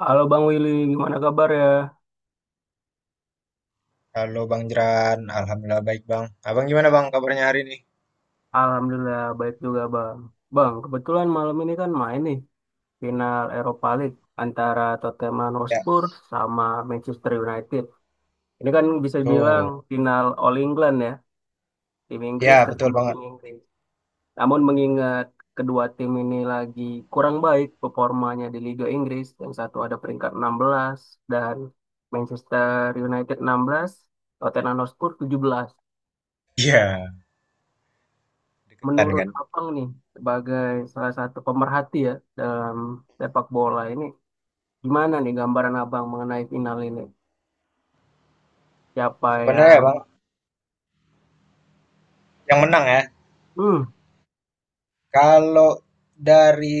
Halo Bang Willy, gimana kabar ya? Halo Bang Jeran, Alhamdulillah baik Bang. Abang gimana Bang kabarnya hari ini? Alhamdulillah baik juga Bang. Bang, kebetulan malam ini kan main nih final Europa League antara Tottenham Ya, Hotspur sama Manchester United. Ini kan bisa dibilang tuh. final All England ya, tim Ya, Inggris betul ketemu banget. tim Inggris. Namun mengingat kedua tim ini lagi kurang baik performanya di Liga Inggris, yang satu ada peringkat 16 dan Manchester United 16, Tottenham Hotspur 17. Iya, deketan Menurut kan. Abang nih sebagai salah satu pemerhati ya dalam sepak bola ini, gimana nih gambaran Abang mengenai final ini? Siapa Sebenarnya yang ya, Bang, yang menang ya. hmm, Kalau dari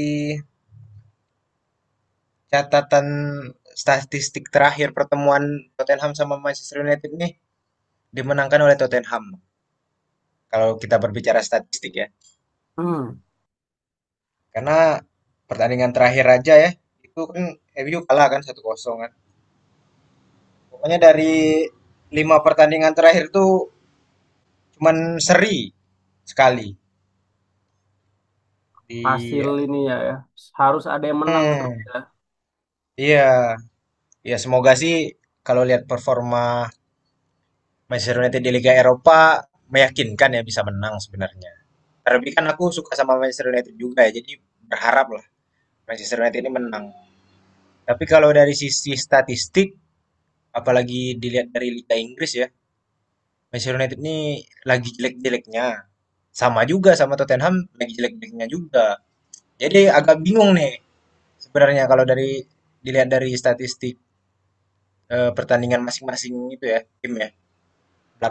catatan statistik terakhir pertemuan Tottenham sama Manchester United nih dimenangkan oleh Tottenham. Kalau kita berbicara statistik ya. hmm, Karena pertandingan terakhir aja ya, itu kan MU kalah kan 1-0 kan. Pokoknya dari lima pertandingan terakhir tuh cuman seri sekali Hasil di. ini, ya, ya harus ada yang menang terus, Hmm, ya. iya, ya semoga sih kalau lihat performa Manchester United di Liga Eropa meyakinkan ya bisa menang sebenarnya. Terlebih kan aku suka sama Manchester United juga ya, jadi berharap lah Manchester United ini menang. Tapi kalau dari sisi statistik, apalagi dilihat dari Liga Inggris ya, Manchester United ini lagi jelek-jeleknya. Sama juga sama Tottenham, lagi jelek-jeleknya juga. Jadi agak bingung nih sebenarnya kalau dari dilihat dari statistik. Eh, pertandingan masing-masing itu ya, tim ya.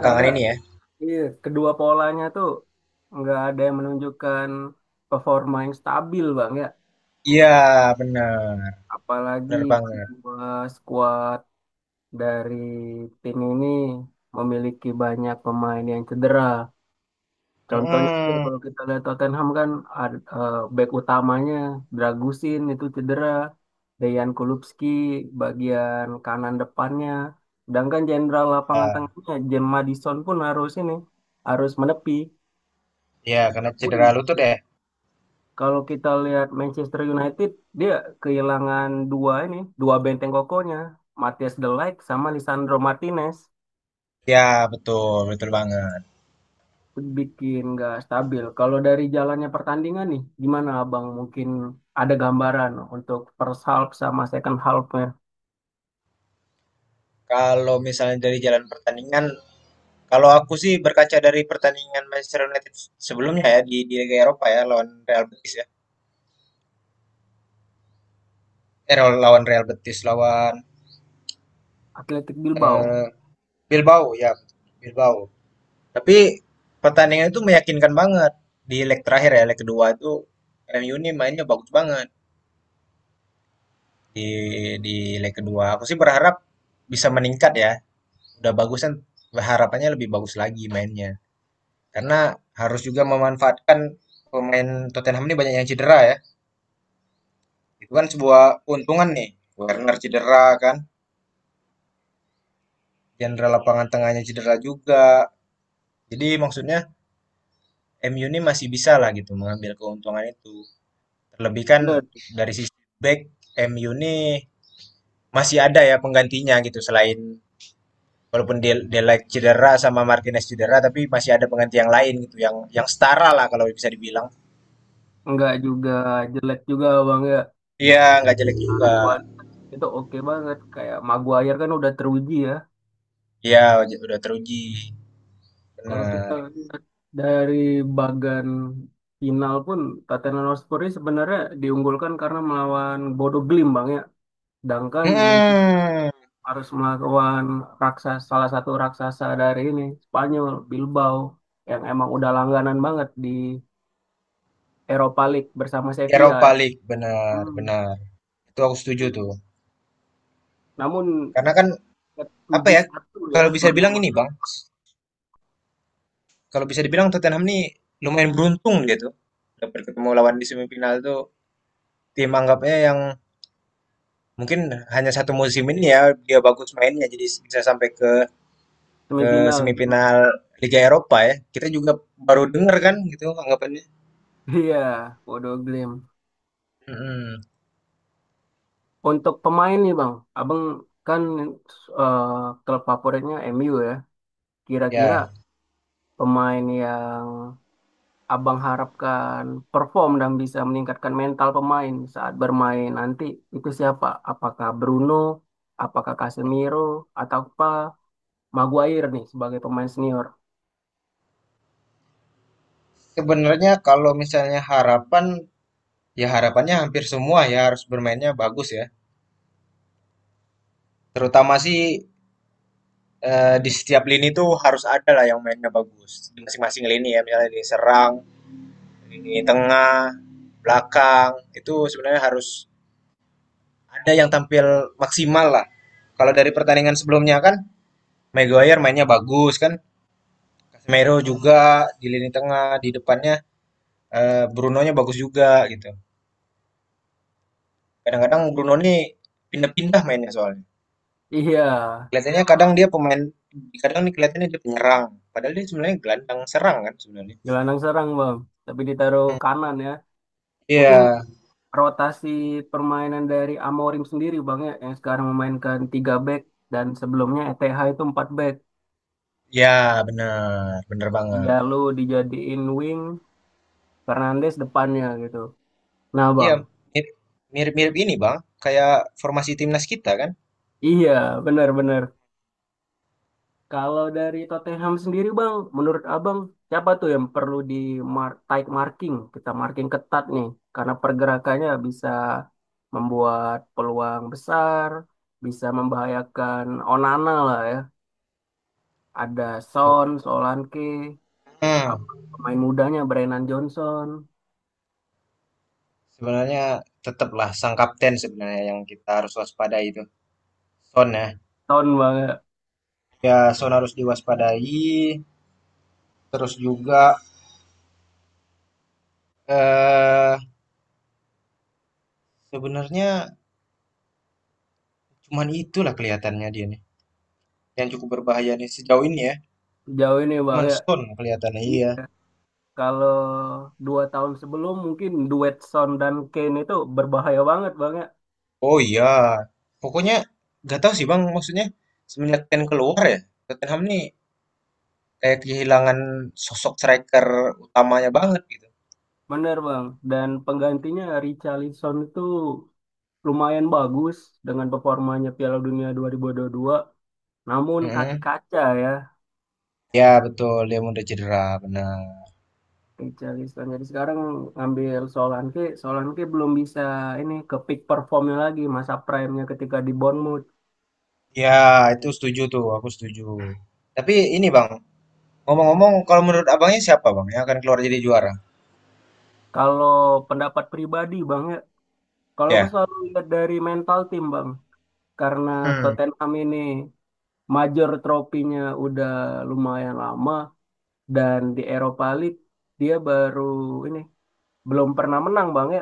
Karena ini ya. iya, kedua polanya tuh nggak ada yang menunjukkan performa yang stabil, Bang ya. Iya, bener. Apalagi Bener banget. kedua skuad dari tim ini memiliki banyak pemain yang cedera. Contohnya ya, Mm-mm. kalau kita lihat Tottenham kan back utamanya Dragusin itu cedera, Dejan Kulupski bagian kanan depannya, sedangkan jenderal lapangan Ya, tengahnya James Maddison pun harus menepi. ya, karena cedera Pun lutut ya. kalau kita lihat Manchester United, dia kehilangan dua benteng kokohnya, Matthias De Ligt sama Lisandro Martinez. Ya, betul. Betul banget. Bikin nggak stabil. Kalau dari jalannya pertandingan nih, gimana Abang? Mungkin ada gambaran untuk first half sama second half-nya. Kalau misalnya dari jalan pertandingan, kalau aku sih berkaca dari pertandingan Manchester United sebelumnya ya di Liga Eropa ya lawan Real Betis ya. Eh, lawan Real Betis lawan Athletic Bilbao? eh, Bilbao ya, Bilbao. Tapi pertandingan itu meyakinkan banget di leg terakhir ya, leg kedua itu MU ini mainnya bagus banget. di di leg kedua. Aku sih berharap bisa meningkat ya. Udah bagus kan harapannya lebih bagus lagi mainnya. Karena harus juga memanfaatkan pemain Tottenham ini banyak yang cedera ya. Itu kan sebuah keuntungan nih. Werner cedera kan, jenderal lapangan tengahnya cedera juga. Jadi maksudnya MU ini masih bisa lah gitu mengambil keuntungan itu. Terlebih kan Bener. dari sisi back MU ini masih ada ya penggantinya gitu selain walaupun Del Delight cedera sama Martinez cedera, tapi masih ada pengganti yang lain gitu, yang setara lah kalau bisa dibilang. Nggak juga, jelek juga Bang ya. Iya, nggak jelek juga. Kualitas itu oke banget. Kayak Maguire kan udah teruji ya. Iya, udah teruji. Kalau kita Benar. lihat dari bagan final pun, Tottenham Hotspur ini sebenarnya diunggulkan karena melawan Bodo Glimt Bang ya. Sedangkan Hmm, harus melawan raksasa, salah satu raksasa dari ini Spanyol Bilbao, yang emang udah langganan banget di Europa League bersama Sevilla Eropa ya. League, benar, Hmm. benar. Itu aku setuju tuh. Namun Karena kan apa 7 ya? satu ya Kalau bisa menang dibilang ini, Bang. Kalau bisa dibilang Tottenham ini lumayan beruntung gitu. Dapat ketemu lawan di semifinal tuh tim anggapnya yang mungkin hanya satu musim ini ya dia bagus mainnya jadi bisa sampai ke semifinal. semifinal Liga Eropa ya. Kita juga baru dengar kan gitu anggapannya. Iya, Bodo Glim. Mm-mm. Untuk pemain nih Bang, Abang kan eh, klub favoritnya MU ya. Kira-kira Ya, pemain yang Abang harapkan perform dan bisa meningkatkan mental pemain saat bermain nanti itu siapa? Apakah Bruno, apakah Casemiro, atau apa Maguire nih sebagai pemain senior? sebenarnya kalau misalnya harapan, ya harapannya hampir semua ya harus bermainnya bagus ya. Terutama sih eh, di setiap lini tuh harus ada lah yang mainnya bagus. Di masing-masing lini ya, misalnya di serang, lini tengah, belakang, itu sebenarnya harus ada yang tampil maksimal lah. Kalau dari pertandingan sebelumnya kan, Maguire mainnya bagus kan, Casemiro juga di lini tengah, di depannya eh, Bruno-nya bagus juga gitu. Kadang-kadang Bruno nih pindah-pindah mainnya soalnya. Iya, Kelihatannya kadang dia pemain, kadang nih kelihatannya dia penyerang. Padahal dia sebenarnya gelandang serang kan sebenarnya. gelandang serang bang, tapi ditaruh Hmm, kanan ya. Mungkin Iya, rotasi permainan dari Amorim sendiri bang ya, yang sekarang memainkan 3 back dan sebelumnya ETH itu 4 back. ya benar, benar banget. Dia lu dijadiin wing, Fernandes depannya gitu. Nah Iya, bang, mirip- mirip-mirip ini Bang, kayak formasi timnas kita kan. iya benar-benar. Kalau dari Tottenham sendiri Bang, menurut Abang siapa tuh yang perlu di mar tight marking? Kita marking ketat nih karena pergerakannya bisa membuat peluang besar, bisa membahayakan Onana lah ya. Ada Tuh. Son, Solanke, Hmm, apa pemain mudanya Brennan Johnson. Sebenarnya tetaplah sang kapten sebenarnya yang kita harus waspadai itu. Son ya, Tahun Bang ya. ya Son harus diwaspadai. Terus juga, eee, sebenarnya cuman itulah kelihatannya dia nih, yang cukup berbahaya nih sejauh ini ya. Sejauh ini Bang Cuman ya. Stone kelihatannya, iya. Iya. Kalau dua tahun sebelum, mungkin duet Son dan Kane itu berbahaya banget Bang ya. Oh iya, pokoknya nggak tahu sih Bang, maksudnya semenjak Kane keluar ya, Tottenham nih kayak kehilangan sosok striker utamanya banget gitu. Bener Bang, dan penggantinya Richarlison itu lumayan bagus dengan performanya Piala Dunia 2022. Namun kaki Mhm. kaca ya Ya betul, dia udah cedera, benar. Richarlison. Jadi sekarang ngambil Solanke, Solanke belum bisa ini ke peak performnya lagi, masa prime-nya ketika di Bournemouth. Ya, itu setuju tuh, aku setuju. Tapi ini Bang, ngomong-ngomong kalau menurut Abangnya siapa Bang yang akan keluar jadi juara? Kalau pendapat pribadi Bang ya, kalau aku Ya. selalu lihat dari mental tim Bang, karena Hmm, Tottenham ini major tropinya udah lumayan lama, dan di Eropa League dia baru ini belum pernah menang Bang ya,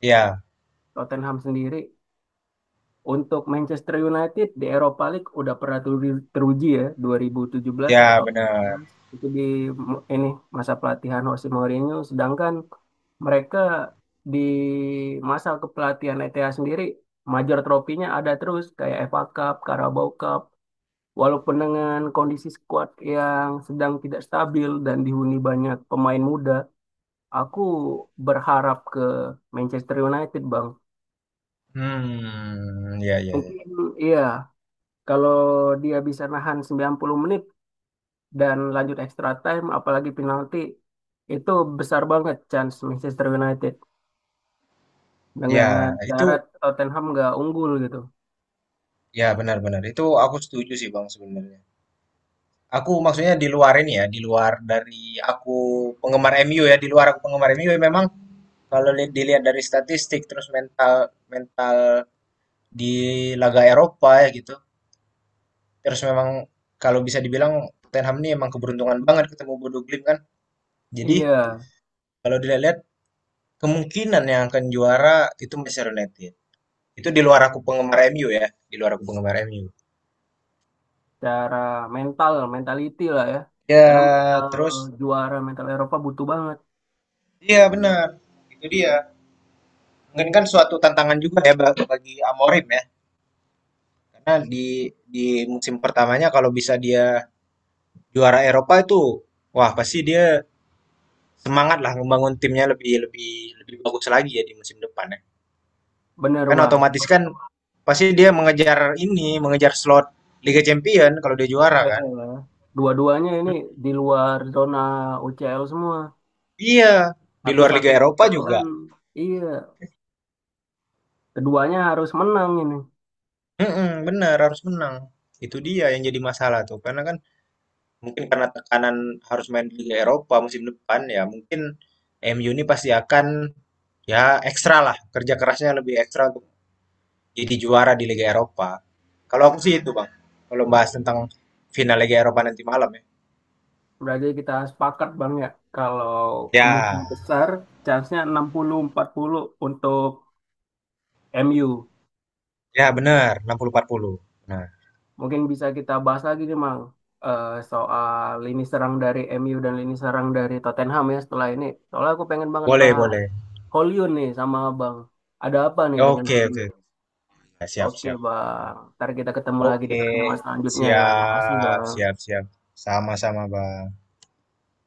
iya. Tottenham sendiri. Untuk Manchester United di Eropa League udah pernah teruji ya 2017 Ya, atau benar. 18 itu di ini masa pelatihan Jose Mourinho, sedangkan mereka di masa kepelatihan ETA sendiri major tropinya ada terus kayak FA Cup, Carabao Cup. Walaupun dengan kondisi skuad yang sedang tidak stabil dan dihuni banyak pemain muda, aku berharap ke Manchester United, Bang. Hmm, ya, ya, ya. Mungkin iya, kalau dia bisa nahan 90 menit dan lanjut extra time, apalagi penalti, itu besar banget chance Manchester United dengan Ya, itu, syarat Tottenham nggak unggul gitu. ya benar-benar. Itu aku setuju sih Bang sebenarnya. Aku maksudnya di luar ini ya, di luar dari aku penggemar MU ya, di luar aku penggemar MU ya, memang kalau dilihat dari statistik terus mental mental di laga Eropa ya gitu. Terus memang kalau bisa dibilang Tottenham ini emang keberuntungan banget ketemu Bodo Glimt kan. Jadi Iya, kalau dilihat kemungkinan yang akan juara itu Manchester United. Itu di luar aku penggemar MU ya, di luar aku penggemar MU. cara mental, mentality lah ya. Karena mental Ya, terus juara, mental Eropa butuh banget. iya benar. Itu dia. Mungkin kan suatu tantangan juga ya bagi Amorim ya. Karena di musim pertamanya kalau bisa dia juara Eropa itu wah pasti dia semangat lah membangun timnya lebih lebih lebih bagus lagi ya di musim depan ya. Bener Kan bang, otomatis kan pasti dia mengejar ini, mengejar slot Liga Champion kalau dia juara kan. PL. Dua-duanya ini di luar zona UCL semua. Iya, di luar Liga Satu-satunya Eropa juga. jalan, iya. Keduanya harus menang ini. Mhm, bener harus menang. Itu dia yang jadi masalah tuh, karena kan mungkin karena tekanan harus main di Liga Eropa musim depan ya mungkin MU ini pasti akan ya ekstra lah kerja kerasnya lebih ekstra untuk jadi juara di Liga Eropa. Kalau aku sih itu Bang, kalau bahas tentang final Liga Eropa nanti malam ya. Berarti kita sepakat Bang ya, kalau Ya, kemungkinan besar, chance-nya 60-40 untuk MU. ya benar 60-40. Nah, Mungkin bisa kita bahas lagi nih Bang, soal lini serang dari MU dan lini serang dari Tottenham ya setelah ini. Soalnya aku pengen banget boleh bahas boleh. Hollywood nih sama Bang. Ada apa nih dengan Oke oke, Hollywood? ya, siap Oke, siap. Bang. Ntar kita ketemu lagi di Oke, pertemuan selanjutnya ya. Makasih, siap Bang. siap siap. Sama-sama Bang.